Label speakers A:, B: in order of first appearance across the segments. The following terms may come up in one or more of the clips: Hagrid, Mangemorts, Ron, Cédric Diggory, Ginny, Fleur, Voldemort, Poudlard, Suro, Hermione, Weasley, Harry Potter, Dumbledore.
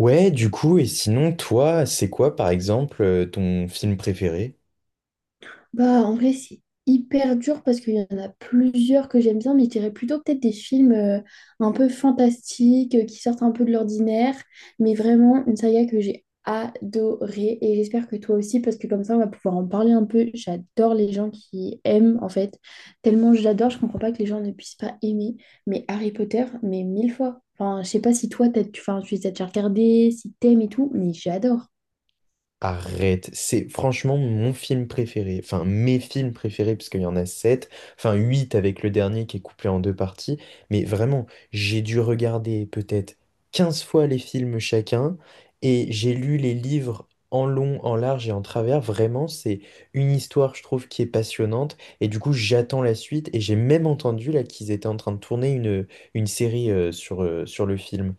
A: Ouais, du coup, et sinon, toi, c'est quoi, par exemple, ton film préféré?
B: Bah, en vrai, c'est hyper dur parce qu'il y en a plusieurs que j'aime bien, mais je dirais plutôt peut-être des films un peu fantastiques, qui sortent un peu de l'ordinaire, mais vraiment une saga que j'ai adorée et j'espère que toi aussi, parce que comme ça, on va pouvoir en parler un peu. J'adore les gens qui aiment, en fait. Tellement j'adore je comprends pas que les gens ne puissent pas aimer, mais Harry Potter, mais mille fois. Enfin, je sais pas si toi, tu, enfin, tu les as déjà regardés, si t'aimes et tout, mais j'adore.
A: Arrête, c'est franchement mon film préféré, enfin mes films préférés, parce qu'il y en a sept, enfin huit avec le dernier qui est couplé en deux parties, mais vraiment, j'ai dû regarder peut-être 15 fois les films chacun, et j'ai lu les livres en long, en large et en travers. Vraiment, c'est une histoire, je trouve, qui est passionnante, et du coup, j'attends la suite, et j'ai même entendu là qu'ils étaient en train de tourner une série, sur le film.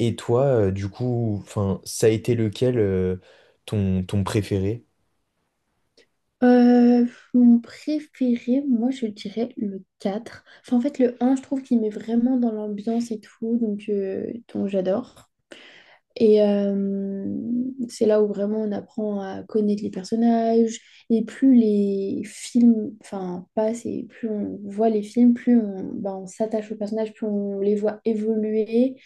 A: Et toi, du coup, enfin, ça a été lequel, ton préféré?
B: Euh, mon préféré, moi je dirais le 4. Enfin, en fait, le un, je trouve qu'il met vraiment dans l'ambiance et tout, donc j'adore. Et c'est là où vraiment on apprend à connaître les personnages. Et plus les films, enfin, passent et plus on voit les films, plus on, ben, on s'attache aux personnages, plus on les voit évoluer.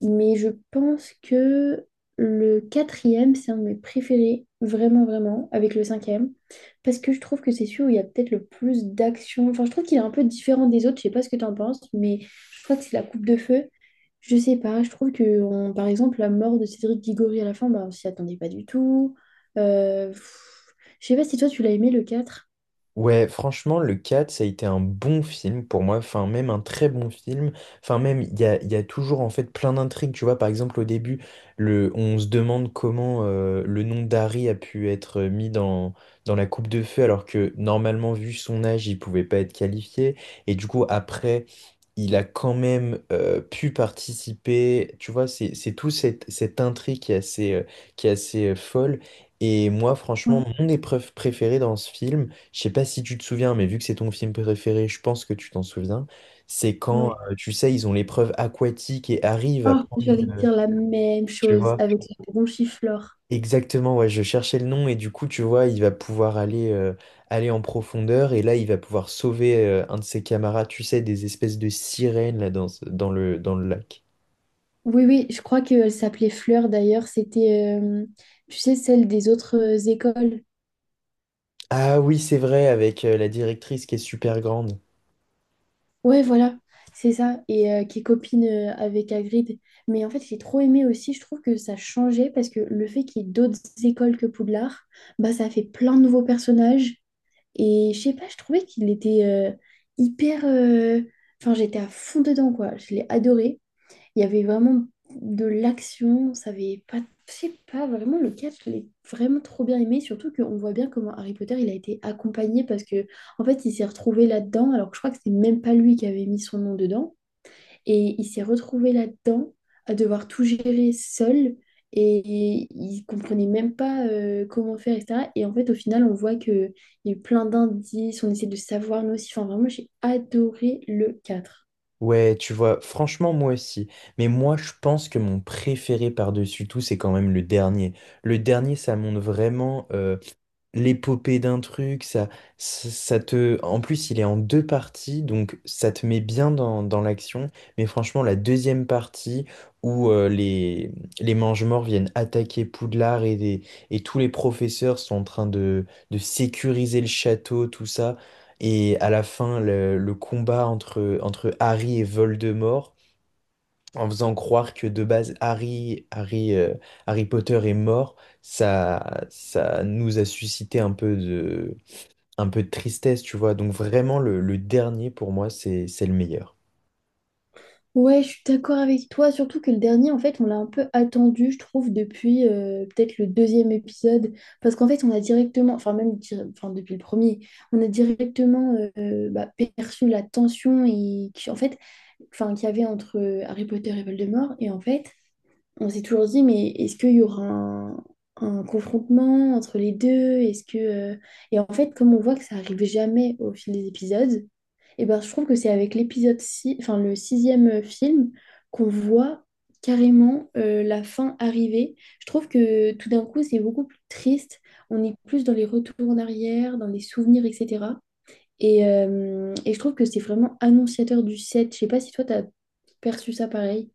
B: Mais je pense que le quatrième, c'est un de mes préférés, vraiment, vraiment, avec le cinquième. Parce que je trouve que c'est celui où il y a peut-être le plus d'action. Enfin, je trouve qu'il est un peu différent des autres. Je sais pas ce que tu en penses, mais je crois que c'est la coupe de feu. Je sais pas, je trouve que par exemple la mort de Cédric Diggory à la fin, bah, on s'y attendait pas du tout. Euh, pff, je sais pas si toi tu l'as aimé le quatre.
A: Ouais, franchement, le 4, ça a été un bon film pour moi, enfin même un très bon film. Enfin même il y a toujours en fait plein d'intrigues, tu vois. Par exemple au début, on se demande comment le nom d'Harry a pu être mis dans la coupe de feu alors que normalement vu son âge, il pouvait pas être qualifié, et du coup après, il a quand même pu participer, tu vois. C'est tout cette intrigue qui est assez folle. Et moi
B: Ouais,
A: franchement, mon épreuve préférée dans ce film, je sais pas si tu te souviens, mais vu que c'est ton film préféré, je pense que tu t'en souviens. C'est quand,
B: ouais.
A: tu sais, ils ont l'épreuve aquatique et arrivent à
B: Oh,
A: prendre une…
B: j'allais te dire la même
A: Tu
B: chose
A: vois?
B: avec la bronchiflore.
A: Exactement, ouais, je cherchais le nom, et du coup, tu vois, il va pouvoir aller, aller en profondeur, et là, il va pouvoir sauver, un de ses camarades, tu sais, des espèces de sirènes là, dans le lac.
B: Oui, oui, je crois qu'elle s'appelait Fleur d'ailleurs. C'était, tu sais, celle des autres écoles.
A: Ah oui, c'est vrai, avec, la directrice qui est super grande.
B: Ouais, voilà, c'est ça. Et qui est copine avec Hagrid. Mais en fait, j'ai trop aimé aussi. Je trouve que ça changeait parce que le fait qu'il y ait d'autres écoles que Poudlard, bah, ça a fait plein de nouveaux personnages. Et je sais pas, je trouvais qu'il était hyper, enfin, j'étais à fond dedans, quoi. Je l'ai adoré. Il y avait vraiment de l'action, ça avait pas, je sais pas, vraiment le 4 je l'ai vraiment trop bien aimé, surtout qu'on voit bien comment Harry Potter, il a été accompagné parce que en fait, il s'est retrouvé là-dedans, alors que je crois que c'est même pas lui qui avait mis son nom dedans, et il s'est retrouvé là-dedans à devoir tout gérer seul, et il comprenait même pas comment faire, etc. Et en fait, au final, on voit que il y a eu plein d'indices, on essaie de savoir nous aussi, enfin vraiment, j'ai adoré le quatre.
A: Ouais, tu vois, franchement, moi aussi. Mais moi, je pense que mon préféré par-dessus tout, c'est quand même le dernier. Le dernier, ça montre vraiment, l'épopée d'un truc, ça te… En plus, il est en deux parties, donc ça te met bien dans l'action. Mais franchement, la deuxième partie, où les Mangemorts viennent attaquer Poudlard, et tous les professeurs sont en train de sécuriser le château, tout ça. Et à la fin, le combat entre Harry et Voldemort, en faisant croire que de base Harry Potter est mort, ça nous a suscité un peu de tristesse, tu vois. Donc vraiment, le dernier, pour moi, c'est le meilleur.
B: Ouais, je suis d'accord avec toi, surtout que le dernier, en fait, on l'a un peu attendu, je trouve, depuis peut-être le deuxième épisode, parce qu'en fait, on a directement, enfin même enfin, depuis le premier, on a directement bah, perçu la tension et qui, en fait, enfin, qu'il y avait entre Harry Potter et Voldemort, et en fait, on s'est toujours dit, mais est-ce qu'il y aura un confrontement entre les deux? Est-ce que... Et en fait, comme on voit que ça arrive jamais au fil des épisodes, et ben, je trouve que c'est avec l'épisode 6 enfin le sixième film, qu'on voit carrément la fin arriver. Je trouve que tout d'un coup, c'est beaucoup plus triste. On est plus dans les retours en arrière, dans les souvenirs, etc. Et je trouve que c'est vraiment annonciateur du sept. Je sais pas si toi, t'as perçu ça pareil.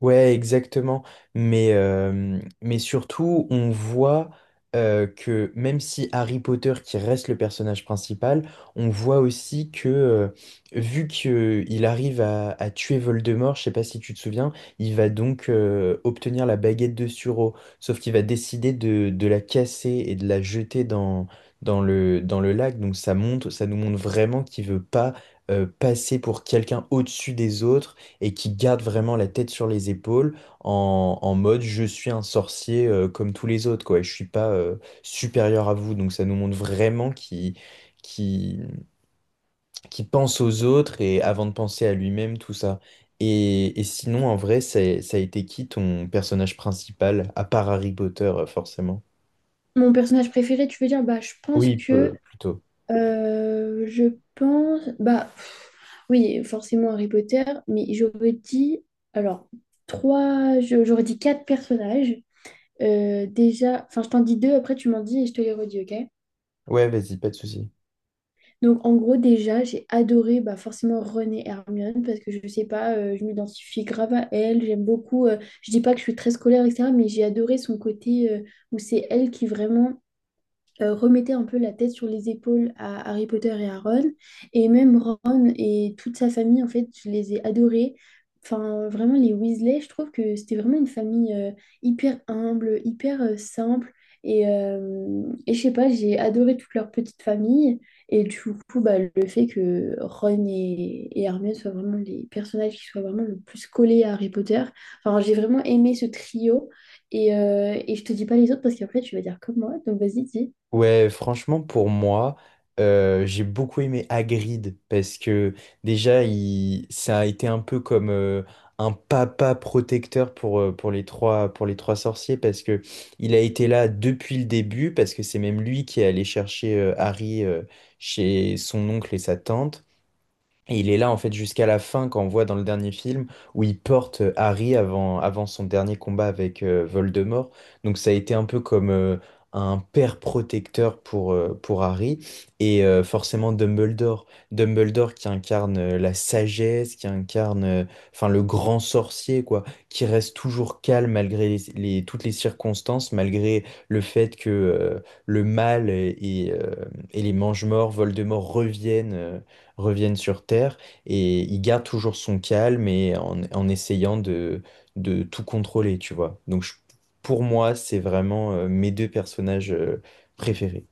A: Ouais, exactement. Mais surtout, on voit que même si Harry Potter, qui reste le personnage principal, on voit aussi que, vu qu'il arrive à tuer Voldemort, je sais pas si tu te souviens, il va donc obtenir la baguette de Suro. Sauf qu'il va décider de la casser et de la jeter dans le lac. Donc ça nous montre vraiment qu'il veut pas passer pour quelqu'un au-dessus des autres, et qui garde vraiment la tête sur les épaules, en mode je suis un sorcier comme tous les autres, quoi, et je suis pas supérieur à vous. Donc ça nous montre vraiment qui qui pense aux autres et avant de penser à lui-même, tout ça. Et sinon, en vrai, ça a été qui ton personnage principal, à part Harry Potter, forcément?
B: Mon personnage préféré, tu veux dire, bah, je pense
A: Oui,
B: que
A: plutôt.
B: je pense, bah oui, forcément Harry Potter, mais j'aurais dit, alors, trois, j'aurais dit quatre personnages. Déjà, enfin, je t'en dis deux, après tu m'en dis et je te les redis, ok?
A: Ouais, vas-y, pas de souci.
B: Donc, en gros, déjà, j'ai adoré bah, forcément Ron et Hermione parce que je sais pas, je m'identifie grave à elle, j'aime beaucoup, je dis pas que je suis très scolaire, etc., mais j'ai adoré son côté où c'est elle qui vraiment, remettait un peu la tête sur les épaules à Harry Potter et à Ron. Et même Ron et toute sa famille, en fait, je les ai adorés. Enfin, vraiment, les Weasley, je trouve que c'était vraiment une famille hyper humble, hyper simple. Et je sais pas, j'ai adoré toute leur petite famille. Et du coup, bah, le fait que Ron et Hermione soient vraiment les personnages qui soient vraiment le plus collés à Harry Potter. Enfin, j'ai vraiment aimé ce trio. Et je te dis pas les autres parce qu'après, tu vas dire comme moi. Donc, vas-y, dis.
A: Ouais, franchement, pour moi, j'ai beaucoup aimé Hagrid, parce que déjà, ça a été un peu comme un papa protecteur pour les trois sorciers, parce que il a été là depuis le début, parce que c'est même lui qui est allé chercher Harry chez son oncle et sa tante. Et il est là en fait jusqu'à la fin, quand on voit dans le dernier film où il porte Harry avant, avant son dernier combat avec Voldemort. Donc ça a été un peu comme un père protecteur pour Harry, et forcément Dumbledore. Dumbledore qui incarne la sagesse, qui incarne enfin le grand sorcier quoi, qui reste toujours calme malgré toutes les circonstances, malgré le fait que le mal et les Mangemorts, Voldemort reviennent sur Terre, et il garde toujours son calme, et en essayant de tout contrôler, tu vois. Donc pour moi, c'est vraiment mes deux personnages préférés.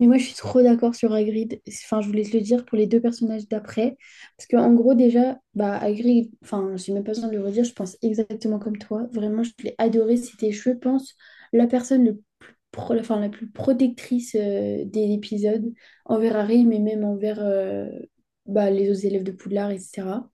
B: Mais moi, je suis trop d'accord sur Hagrid. Enfin, je voulais te le dire pour les deux personnages d'après. Parce qu'en gros, déjà, bah, Hagrid, enfin, j'ai même pas besoin de le redire, je pense exactement comme toi. Vraiment, je l'ai adoré. C'était, je pense, la personne le plus enfin, la plus protectrice des épisodes envers Harry, mais même envers bah, les autres élèves de Poudlard, etc.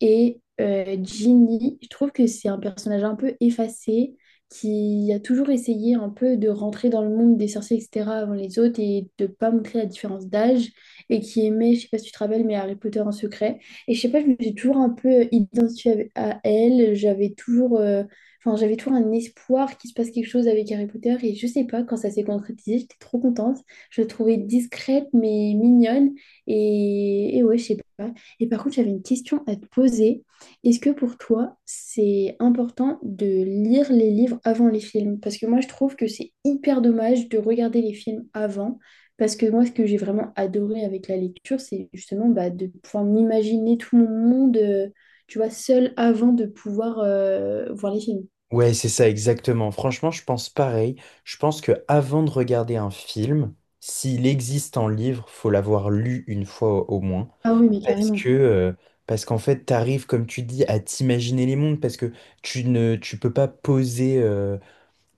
B: Et Ginny, je trouve que c'est un personnage un peu effacé, qui a toujours essayé un peu de rentrer dans le monde des sorciers, etc., avant les autres, et de pas montrer la différence d'âge, et qui aimait, je sais pas si tu te rappelles, mais Harry Potter en secret. Et je sais pas, je me suis toujours un peu identifiée à elle, j'avais toujours, enfin, j'avais toujours un espoir qu'il se passe quelque chose avec Harry Potter, et je sais pas, quand ça s'est concrétisé, j'étais trop contente. Je la trouvais discrète, mais mignonne, et, ouais, je sais pas. Et par contre, j'avais une question à te poser. Est-ce que pour toi, c'est important de lire les livres avant les films? Parce que moi, je trouve que c'est hyper dommage de regarder les films avant. Parce que moi, ce que j'ai vraiment adoré avec la lecture, c'est justement bah, de pouvoir m'imaginer tout mon monde, tu vois, seul avant de pouvoir voir les films.
A: Ouais, c'est ça exactement. Franchement, je pense pareil. Je pense que avant de regarder un film, s'il existe en livre, faut l'avoir lu une fois au moins.
B: Ah oui, mais
A: Parce
B: carrément.
A: que, euh, parce qu'en fait, t'arrives, comme tu dis, à t'imaginer les mondes, parce que tu peux pas poser.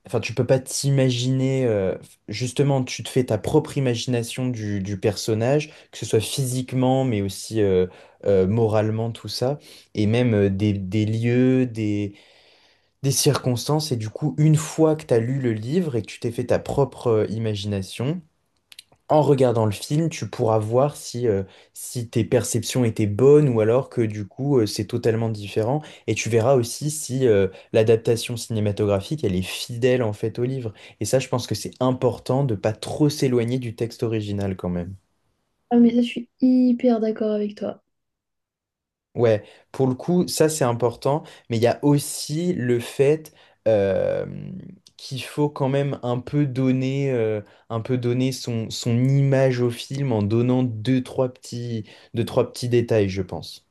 A: Enfin, tu peux pas t'imaginer, justement, tu te fais ta propre imagination du personnage, que ce soit physiquement, mais aussi moralement, tout ça, et même des lieux, des circonstances. Et du coup, une fois que tu as lu le livre et que tu t'es fait ta propre imagination, en regardant le film, tu pourras voir si tes perceptions étaient bonnes, ou alors que du coup c'est totalement différent. Et tu verras aussi si l'adaptation cinématographique elle est fidèle en fait au livre. Et ça, je pense que c'est important de pas trop s'éloigner du texte original, quand même.
B: Ah, mais ça, je suis hyper d'accord avec toi.
A: Ouais, pour le coup, ça c'est important, mais il y a aussi le fait euh, qu'il faut quand même un peu donner, un peu donner son image au film, en donnant deux, trois petits détails, je pense.